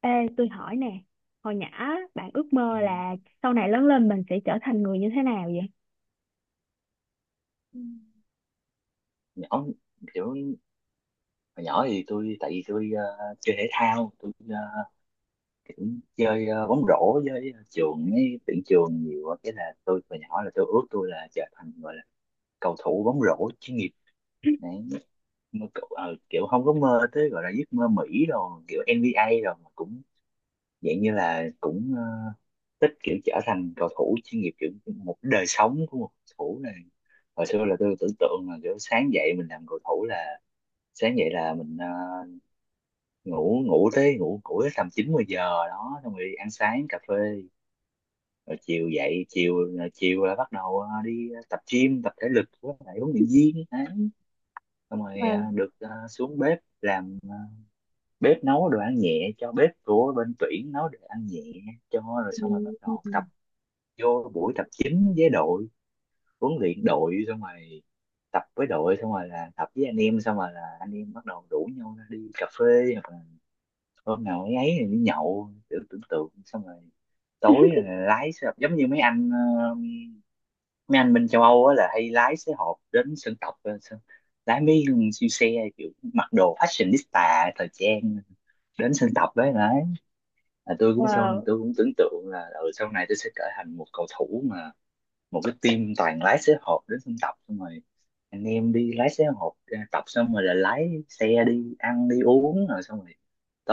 Ê, tôi hỏi nè, hồi nhỏ bạn ước Ừ. mơ là sau này lớn lên mình sẽ trở thành người như thế nào vậy? nhỏ kiểu Hồi nhỏ thì tại vì tôi chơi thể thao, tôi kiểu chơi bóng rổ với trường ấy tuyển trường nhiều á. Cái là tôi hồi nhỏ là tôi ước tôi là trở thành, gọi là cầu thủ bóng rổ chuyên nghiệp đấy. Kiểu không có mơ tới gọi là giấc mơ Mỹ rồi, kiểu NBA rồi, mà cũng dạng như là cũng thích kiểu trở thành cầu thủ chuyên nghiệp, kiểu một đời sống của một cầu thủ này. Hồi xưa là tôi tưởng tượng là kiểu sáng dậy mình làm cầu thủ là sáng dậy là mình ngủ ngủ tới tầm chín mười giờ đó, xong rồi đi ăn sáng cà phê, rồi chiều dậy chiều rồi chiều là bắt đầu đi tập gym, tập thể lực với lại huấn luyện viên đấy. Xong rồi Wow. được xuống bếp làm bếp, nấu đồ ăn nhẹ cho bếp của bên tuyển, nấu đồ ăn nhẹ cho, rồi xong rồi bắt Ừ. đầu tập vô buổi tập chính với đội, huấn luyện đội xong rồi tập với đội xong rồi là tập với anh em, xong rồi là anh em bắt đầu rủ nhau ra đi cà phê, hôm nào ấy ấy thì đi nhậu, tưởng tưởng tượng, xong rồi tối là lái xe hộp giống như mấy anh ờ, mấy anh bên châu Âu á là hay lái xe hộp đến sân tập, lái mấy con siêu xe, kiểu mặc đồ fashionista thời trang, đến sân tập đấy. Đấy là tôi cũng, xong Wow. tôi cũng tưởng tượng là ừ, sau này tôi sẽ trở thành một cầu thủ mà một cái team toàn lái xế hộp đến sân tập, xong rồi anh em đi lái xế hộp ra tập xong rồi là lái xe đi ăn đi uống rồi, xong rồi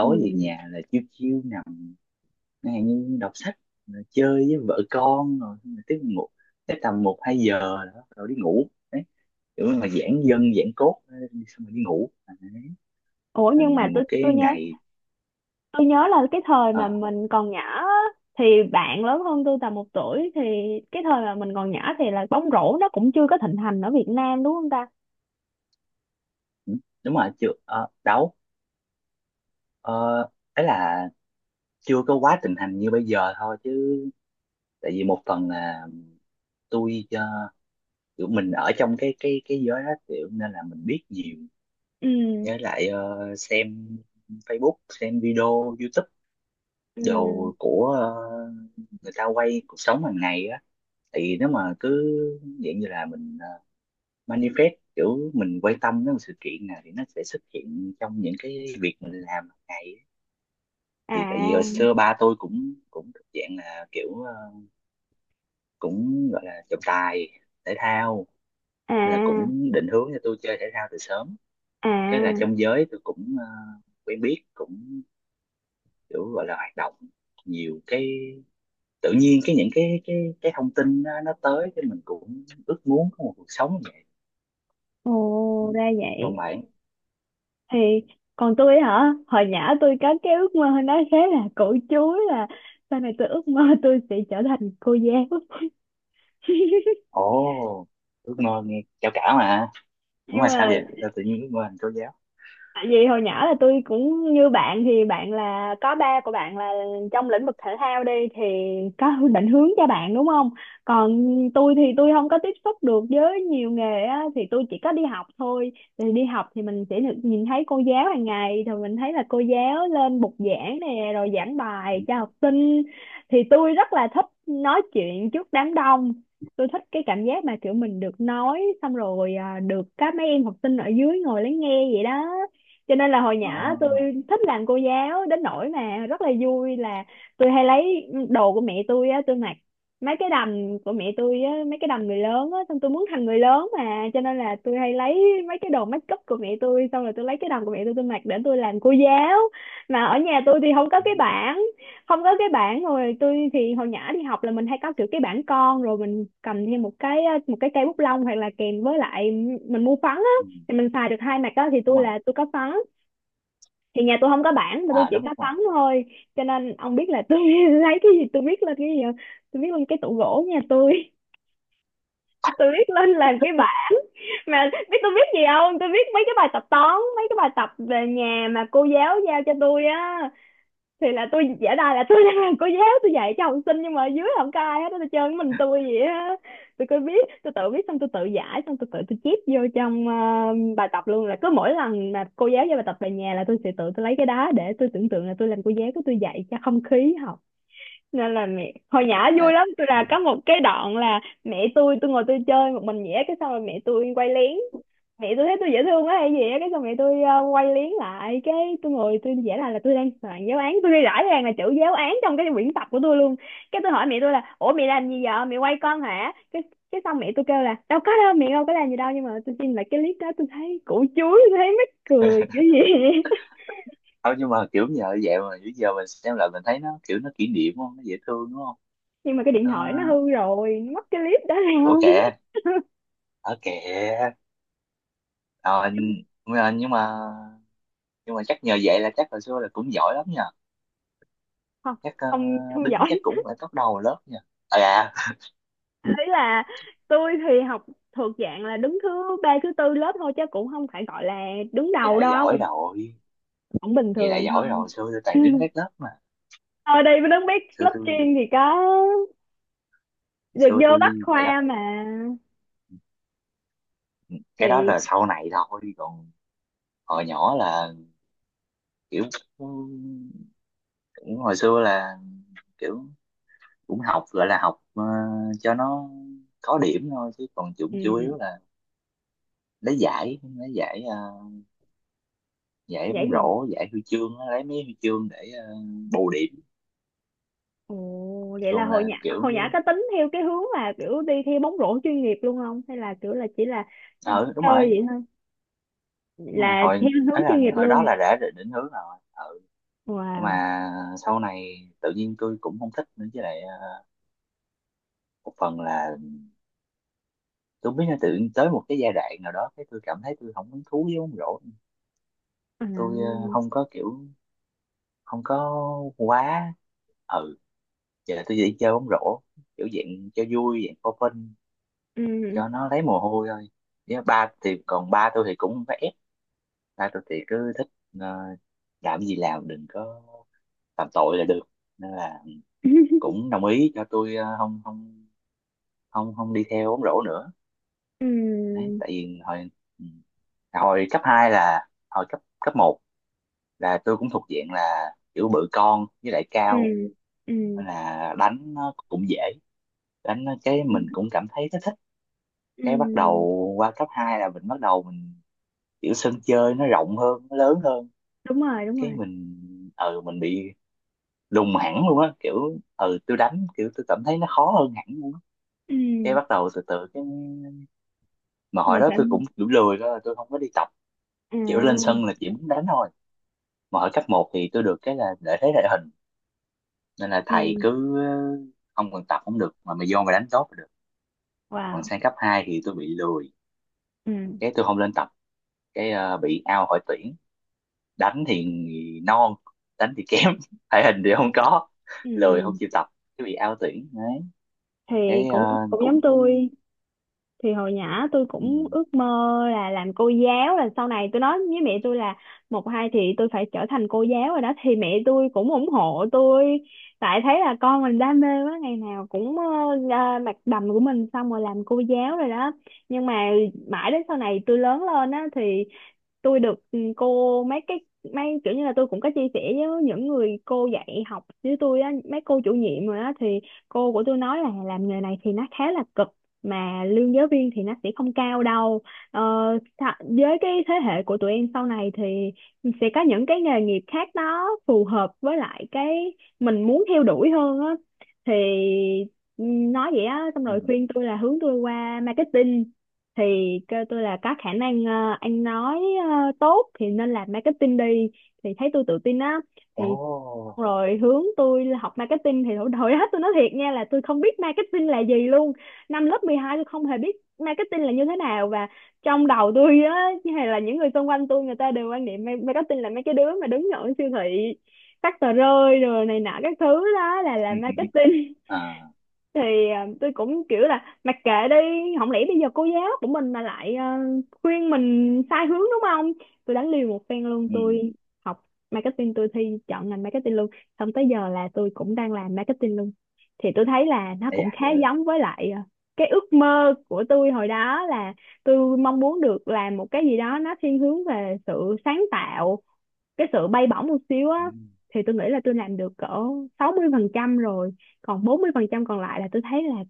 Ừ. về nhà là chiêu chiêu nằm chẳng hạn như đọc sách, rồi chơi với vợ con rồi, xong rồi tiếp ngủ tới tầm một hai giờ đó rồi đi ngủ đấy, kiểu mà giãn dân giãn cốt đi xong rồi đi ngủ. À, đấy. Ủa, nhưng mà Thành tôi một tôi cái nhớ ngày. tôi nhớ là cái thời ờ, mà mình còn nhỏ á, thì bạn lớn hơn tôi tầm một tuổi. Thì cái thời mà mình còn nhỏ thì là bóng rổ nó cũng chưa có thịnh hành ở Việt Nam đúng không ta? ừ, đúng rồi, chưa đâu. Ờ, Ấy là chưa có quá thịnh hành như bây giờ thôi, chứ tại vì một phần là tôi kiểu mình ở trong cái giới đó, kiểu nên là mình biết nhiều, Ừ, với lại xem Facebook, xem video YouTube ừ, đồ của người ta quay cuộc sống hàng ngày á. Thì nếu mà cứ dạng như là mình manifest, kiểu mình quan tâm đến một sự kiện nào thì nó sẽ xuất hiện trong những cái việc mình làm hàng ngày á. Thì tại vì à, hồi xưa ba tôi cũng cũng thuộc dạng là kiểu cũng gọi là trọng tài thể thao, nên là à, cũng định hướng cho tôi chơi thể thao từ sớm. à, Cái là trong giới tôi cũng quen biết, cũng kiểu gọi là hoạt động nhiều, cái tự nhiên cái những cái thông tin nó tới, cái mình cũng ước muốn có một cuộc sống như vậy. ồ, ra Còn vậy. bạn? Thì còn tôi hả, hồi nhỏ tôi có cái ước mơ nó khá là cổ chúa là sau này tôi ước mơ tôi sẽ trở thành cô giáo. Ồ, ước mơ nghe cao cả mà. Đúng Nhưng là sao vậy, mà sao tự nhiên ước mơ thành cô giáo. tại vì hồi nhỏ là tôi cũng như bạn, thì bạn là có ba của bạn là trong lĩnh vực thể thao đi thì có định hướng cho bạn đúng không? Còn tôi thì tôi không có tiếp xúc được với nhiều nghề á, thì tôi chỉ có đi học thôi. Thì đi học thì mình sẽ được nhìn thấy cô giáo hàng ngày, thì mình thấy là cô giáo lên bục giảng nè rồi giảng bài cho học sinh. Thì tôi rất là thích nói chuyện trước đám đông. Tôi thích cái cảm giác mà kiểu mình được nói xong rồi à, được các mấy em học sinh ở dưới ngồi lắng nghe vậy đó, cho nên là hồi Ồ, nhỏ tôi thích làm cô giáo đến nỗi mà rất là vui là tôi hay lấy đồ của mẹ tôi á, tôi mặc mấy cái đầm của mẹ tôi á, mấy cái đầm người lớn á, xong tôi muốn thành người lớn mà, cho nên là tôi hay lấy mấy cái đồ make up của mẹ tôi, xong rồi tôi lấy cái đầm của mẹ tôi mặc để tôi làm cô giáo. Mà ở nhà tôi thì không có ừ, cái bảng, không có cái bảng. Rồi tôi thì hồi nhỏ đi học là mình hay có kiểu cái bảng con, rồi mình cầm thêm một cái, một cây bút lông, hoặc là kèm với lại mình mua phấn á, ừ, thì mình xài được hai mặt đó, thì đúng tôi rồi, là tôi có phấn. Thì nhà tôi không có bảng mà tôi à chỉ đúng có rồi. tấm thôi, cho nên ông biết là tôi lấy cái gì, tôi biết lên cái gì không? Tôi biết lên cái tủ gỗ nhà tôi. Tôi biết lên làm cái bài mà biết tôi biết gì không, tôi biết mấy cái bài tập toán, mấy cái bài tập về nhà mà cô giáo giao cho tôi á. Thì là tôi giả đà là tôi đang làm cô giáo, tôi dạy cho học sinh nhưng mà ở dưới không có ai hết á, tôi chơi mình tôi vậy á. Tôi cứ viết, tôi tự viết, xong tôi tự giải, xong tôi tự chép vô trong bài tập luôn. Là cứ mỗi lần mà cô giáo giao bài tập về nhà là tôi sẽ tự tôi lấy cái đá để tôi tưởng tượng là tôi làm cô giáo của tôi dạy cho không khí học. Nên là mẹ hồi nhỏ À. vui lắm, tôi Ừ. là có một cái đoạn là mẹ tôi ngồi tôi chơi một mình vậy, cái xong rồi mẹ tôi quay lén. Mẹ tôi thấy tôi dễ thương quá hay gì á, cái xong mẹ tôi quay liếng lại, cái tôi ngồi tôi vẽ lại là tôi đang soạn giáo án, tôi ghi rõ ràng là chữ giáo án trong cái quyển tập của tôi luôn. Cái tôi hỏi mẹ tôi là ủa mẹ làm gì vậy, mẹ quay con hả? Cái xong mẹ tôi kêu là đâu có đâu, mẹ đâu có làm gì đâu, nhưng mà tôi xin lại cái clip đó tôi thấy củ chuối, tôi thấy mắc cười kiểu gì. Thôi nhưng mà kiểu giờ vậy mà bây giờ mình xem lại mình thấy nó kiểu nó kỷ niệm không, nó dễ thương đúng không? Nhưng mà cái điện À, thoại nó hư rồi, nó mất cái clip đó ủa rồi. kìa, ở kìa. Rồi, mà- nhưng mà nhưng mà chắc nhờ vậy là chắc hồi xưa là cũng giỏi lắm nha, Không, chắc không đứng giỏi. chắc cũng phải top đầu lớp nha. À dạ, Thế là tôi thì học thuộc dạng là đứng thứ ba thứ tư lớp thôi, chứ cũng không phải gọi là đứng vậy đầu là giỏi đâu, rồi, cũng bình vậy là thường giỏi rồi, thôi. hồi xưa tôi toàn đứng các lớp mà. Ở đây mới biết xưa lớp tôi chuyên thì có hồi được xưa vô bách tôi vậy lắm. khoa mà. Cái đó Thì là sau này thôi, còn hồi nhỏ là kiểu cũng, hồi xưa là kiểu cũng học gọi là học cho nó có điểm thôi, chứ còn chủ chủ yếu ừ, là lấy giải giải vậy bóng gì. rổ, giải huy chương á, lấy mấy huy chương để ờ, bù điểm. Ồ, vậy là Thường hồi là nhỏ kiểu hồi nhỏ có tính theo cái hướng là kiểu đi theo bóng rổ chuyên nghiệp luôn không, hay là kiểu là chỉ là ừ, đúng chơi rồi vậy thôi, đúng rồi, là theo hồi hướng ấy là chuyên nghiệp hồi đó luôn. là đã định định hướng rồi. Ừ. Nhưng Wow. mà sau này tự nhiên tôi cũng không thích nữa, với lại một phần là tôi không biết là tự nhiên tới một cái giai đoạn nào đó, cái tôi cảm thấy tôi không hứng thú với bóng rổ. À. Tôi không có kiểu, không có quá, ừ, giờ tôi chỉ chơi bóng rổ kiểu dạng cho vui, dạng for fun, Ừ. cho nó lấy mồ hôi thôi. Với ba thì, còn ba tôi thì cũng vẽ, Hai tôi thì cứ thích ờ, làm gì làm đừng có phạm tội là được, nên là cũng đồng ý cho tôi không không không không đi theo bóng rổ nữa. Ừ. Đấy tại vì hồi ừ, hồi cấp 2 là hồi cấp cấp một là tôi cũng thuộc diện là kiểu bự con với lại Ừ, cao, ừ, nên là đánh nó cũng dễ, đánh nó cái ừ, mình cũng cảm thấy nó thích. Cái bắt đầu ừ. qua cấp 2 là mình bắt đầu mình kiểu sân chơi nó rộng hơn nó lớn hơn, Đúng rồi, đúng cái rồi. mình ừ mình bị lùng hẳn luôn á, kiểu ừ tôi đánh kiểu tôi cảm thấy nó khó hơn hẳn luôn á. Cái Ừ, bắt đầu từ từ cái mà hồi mà đó tôi thành cũng kiểu lười đó, tôi không có đi tập, kiểu lên à, sân là chỉ muốn đánh thôi. Mà ở cấp một thì tôi được cái là lợi thế địa hình, nên là thầy ừ, cứ không cần tập cũng được mà mày vô mày đánh tốt là được. Còn wow, sang cấp 2 thì tôi bị lười, ừ, cái tôi không lên tập, cái bị out khỏi tuyển. Đánh thì non, đánh thì kém thể hình thì không có, lười không ừ. chịu tập, cái bị out tuyển đấy, Thì cái cũng cũng cũng. giống tôi, thì hồi nhỏ tôi Ừ, cũng ước mơ là làm cô giáo, là sau này tôi nói với mẹ tôi là một hai thì tôi phải trở thành cô giáo rồi đó. Thì mẹ tôi cũng ủng hộ tôi tại thấy là con mình đam mê quá, ngày nào cũng ra mặc đầm của mình xong rồi làm cô giáo rồi đó. Nhưng mà mãi đến sau này tôi lớn lên á, thì tôi được ừ, cô mấy cái, mấy kiểu như là tôi cũng có chia sẻ với những người cô dạy học với tôi á, mấy cô chủ nhiệm rồi á, thì cô của tôi nói là làm nghề này thì nó khá là cực, mà lương giáo viên thì nó sẽ không cao đâu. ờ, với cái thế hệ của tụi em sau này thì sẽ có những cái nghề nghiệp khác nó phù hợp với lại cái mình muốn theo đuổi hơn á. Thì ừ, nói vậy á, xong ừ. rồi khuyên tôi là hướng tôi qua marketing. Thì kêu tôi là có khả năng anh nói tốt thì nên làm marketing đi, thì thấy tôi tự tin á. Ồ. Thì xong rồi hướng tôi là học marketing. Thì hồi hết tôi nói thiệt nha là tôi không biết marketing là gì luôn. Năm lớp 12 tôi không hề biết marketing là như thế nào, và trong đầu tôi á hay là những người xung quanh tôi người ta đều quan niệm marketing là mấy cái đứa mà đứng ở siêu thị phát tờ rơi rồi này nọ các thứ, đó là Ừ, làm ừ, ừ. marketing. À. Thì à, tôi cũng kiểu là mặc kệ đi, không lẽ bây giờ cô giáo của mình mà lại à, khuyên mình sai hướng đúng không. Tôi đánh liều một phen luôn, Ừ. tôi học marketing, tôi thi chọn ngành marketing luôn, xong tới giờ là tôi cũng đang làm marketing luôn. Thì tôi thấy là nó Ây cũng à, khá ừ. giống với lại à, cái ước mơ của tôi hồi đó là tôi mong muốn được làm một cái gì đó nó thiên hướng về sự sáng tạo, cái sự bay bổng một xíu á. Ừ. Thì tôi nghĩ là tôi làm được cỡ 60% rồi, còn 40% còn lại là tôi thấy là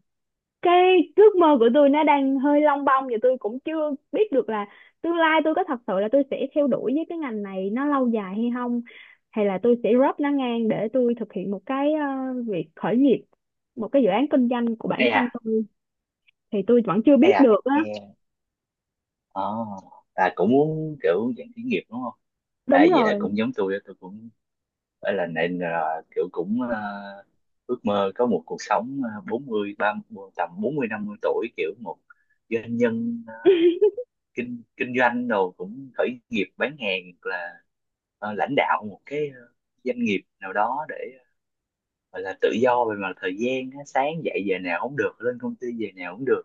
cái ước mơ của tôi nó đang hơi lông bông, và tôi cũng chưa biết được là tương lai tôi có thật sự là tôi sẽ theo đuổi với cái ngành này nó lâu dài hay không, hay là tôi sẽ drop nó ngang để tôi thực hiện một cái việc khởi nghiệp, một cái dự án kinh doanh của bản Ây à. thân tôi. Thì tôi vẫn chưa Ây biết à, được á. nghe à, là cũng muốn kiểu dạng khởi nghiệp đúng không. À Đúng vậy là rồi. cũng giống tôi đó, tôi cũng phải là nên là kiểu cũng ước mơ có một cuộc sống bốn mươi, ba, 30 tầm bốn mươi năm mươi tuổi kiểu một doanh nhân kinh kinh doanh đồ, cũng khởi nghiệp bán hàng hoặc là lãnh đạo một cái doanh nghiệp nào đó để gọi là tự do về mặt thời gian á, sáng dậy giờ nào cũng được, lên công ty giờ nào cũng được,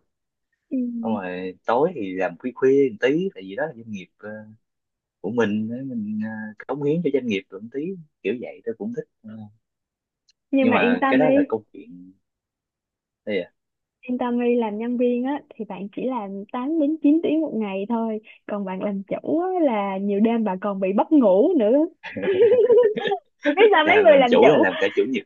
Ừ. xong rồi tối thì làm khuya khuya một tí tại vì đó là doanh nghiệp của mình á, mình cống hiến cho doanh nghiệp được một tí, kiểu vậy tôi cũng thích. Ờ, Nhưng nhưng mà yên mà tâm cái đi, đó là câu chuyện. Đây à. yên tammy làm nhân viên á thì bạn chỉ làm 8 đến 9 tiếng một ngày thôi, còn bạn làm chủ á, là nhiều đêm bạn còn bị mất ngủ nữa. Biết sao mấy làm người làm làm chủ là chủ. làm cả chủ nhật.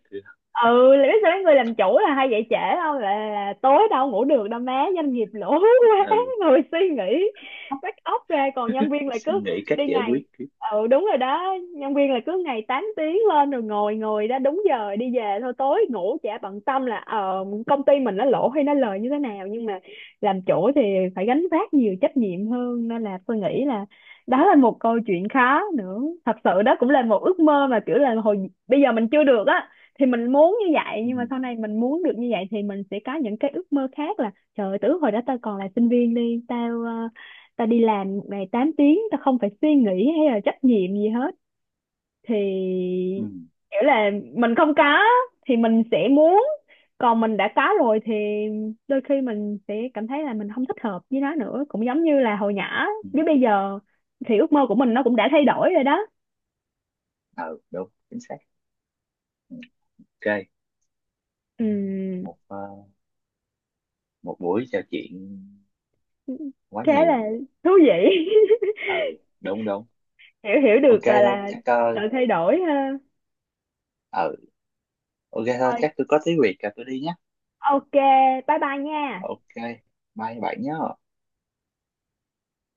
Ừ, là biết sao mấy người làm chủ là hay dậy trễ, không là, tối đâu ngủ được đâu má, doanh nghiệp lỗ quá. Ừ. Người suy nghĩ bắt óc ra, còn nhân viên lại Suy cứ nghĩ cách đi giải ngày. quyết. Ừ. Ừ, đúng rồi đó, nhân viên là cứ ngày 8 tiếng lên rồi ngồi ngồi đó đúng giờ đi về thôi, tối ngủ chả bận tâm là công ty mình nó lỗ hay nó lời như thế nào. Nhưng mà làm chủ thì phải gánh vác nhiều trách nhiệm hơn, nên là tôi nghĩ là đó là một câu chuyện khó nữa. Thật sự đó cũng là một ước mơ mà kiểu là hồi bây giờ mình chưa được á thì mình muốn như vậy, nhưng mà sau này mình muốn được như vậy thì mình sẽ có những cái ước mơ khác là trời ơi, từ hồi đó tao còn là sinh viên đi, tao tao đi làm một ngày 8 tiếng, tao không phải suy nghĩ hay là trách nhiệm gì hết. Thì Ừ. kiểu là mình không có thì mình sẽ muốn, còn mình đã có rồi thì đôi khi mình sẽ cảm thấy là mình không thích hợp với nó nữa, cũng giống như là hồi nhỏ Ừ. với bây giờ thì ước mơ của mình nó cũng đã thay đổi rồi đó. Ừ đúng chính xác. Ừ, ok. Ừ. Ừm, Một một buổi trò chuyện quá khá là nhiều. thú vị. Ừ đúng đúng. hiểu hiểu Ok được thôi là chắc sự thay đổi ha. ừ, ok thôi Thôi, chắc tôi có tí việc rồi tôi đi nhé. ok, bye bye nha. Ok, bye bạn nhé.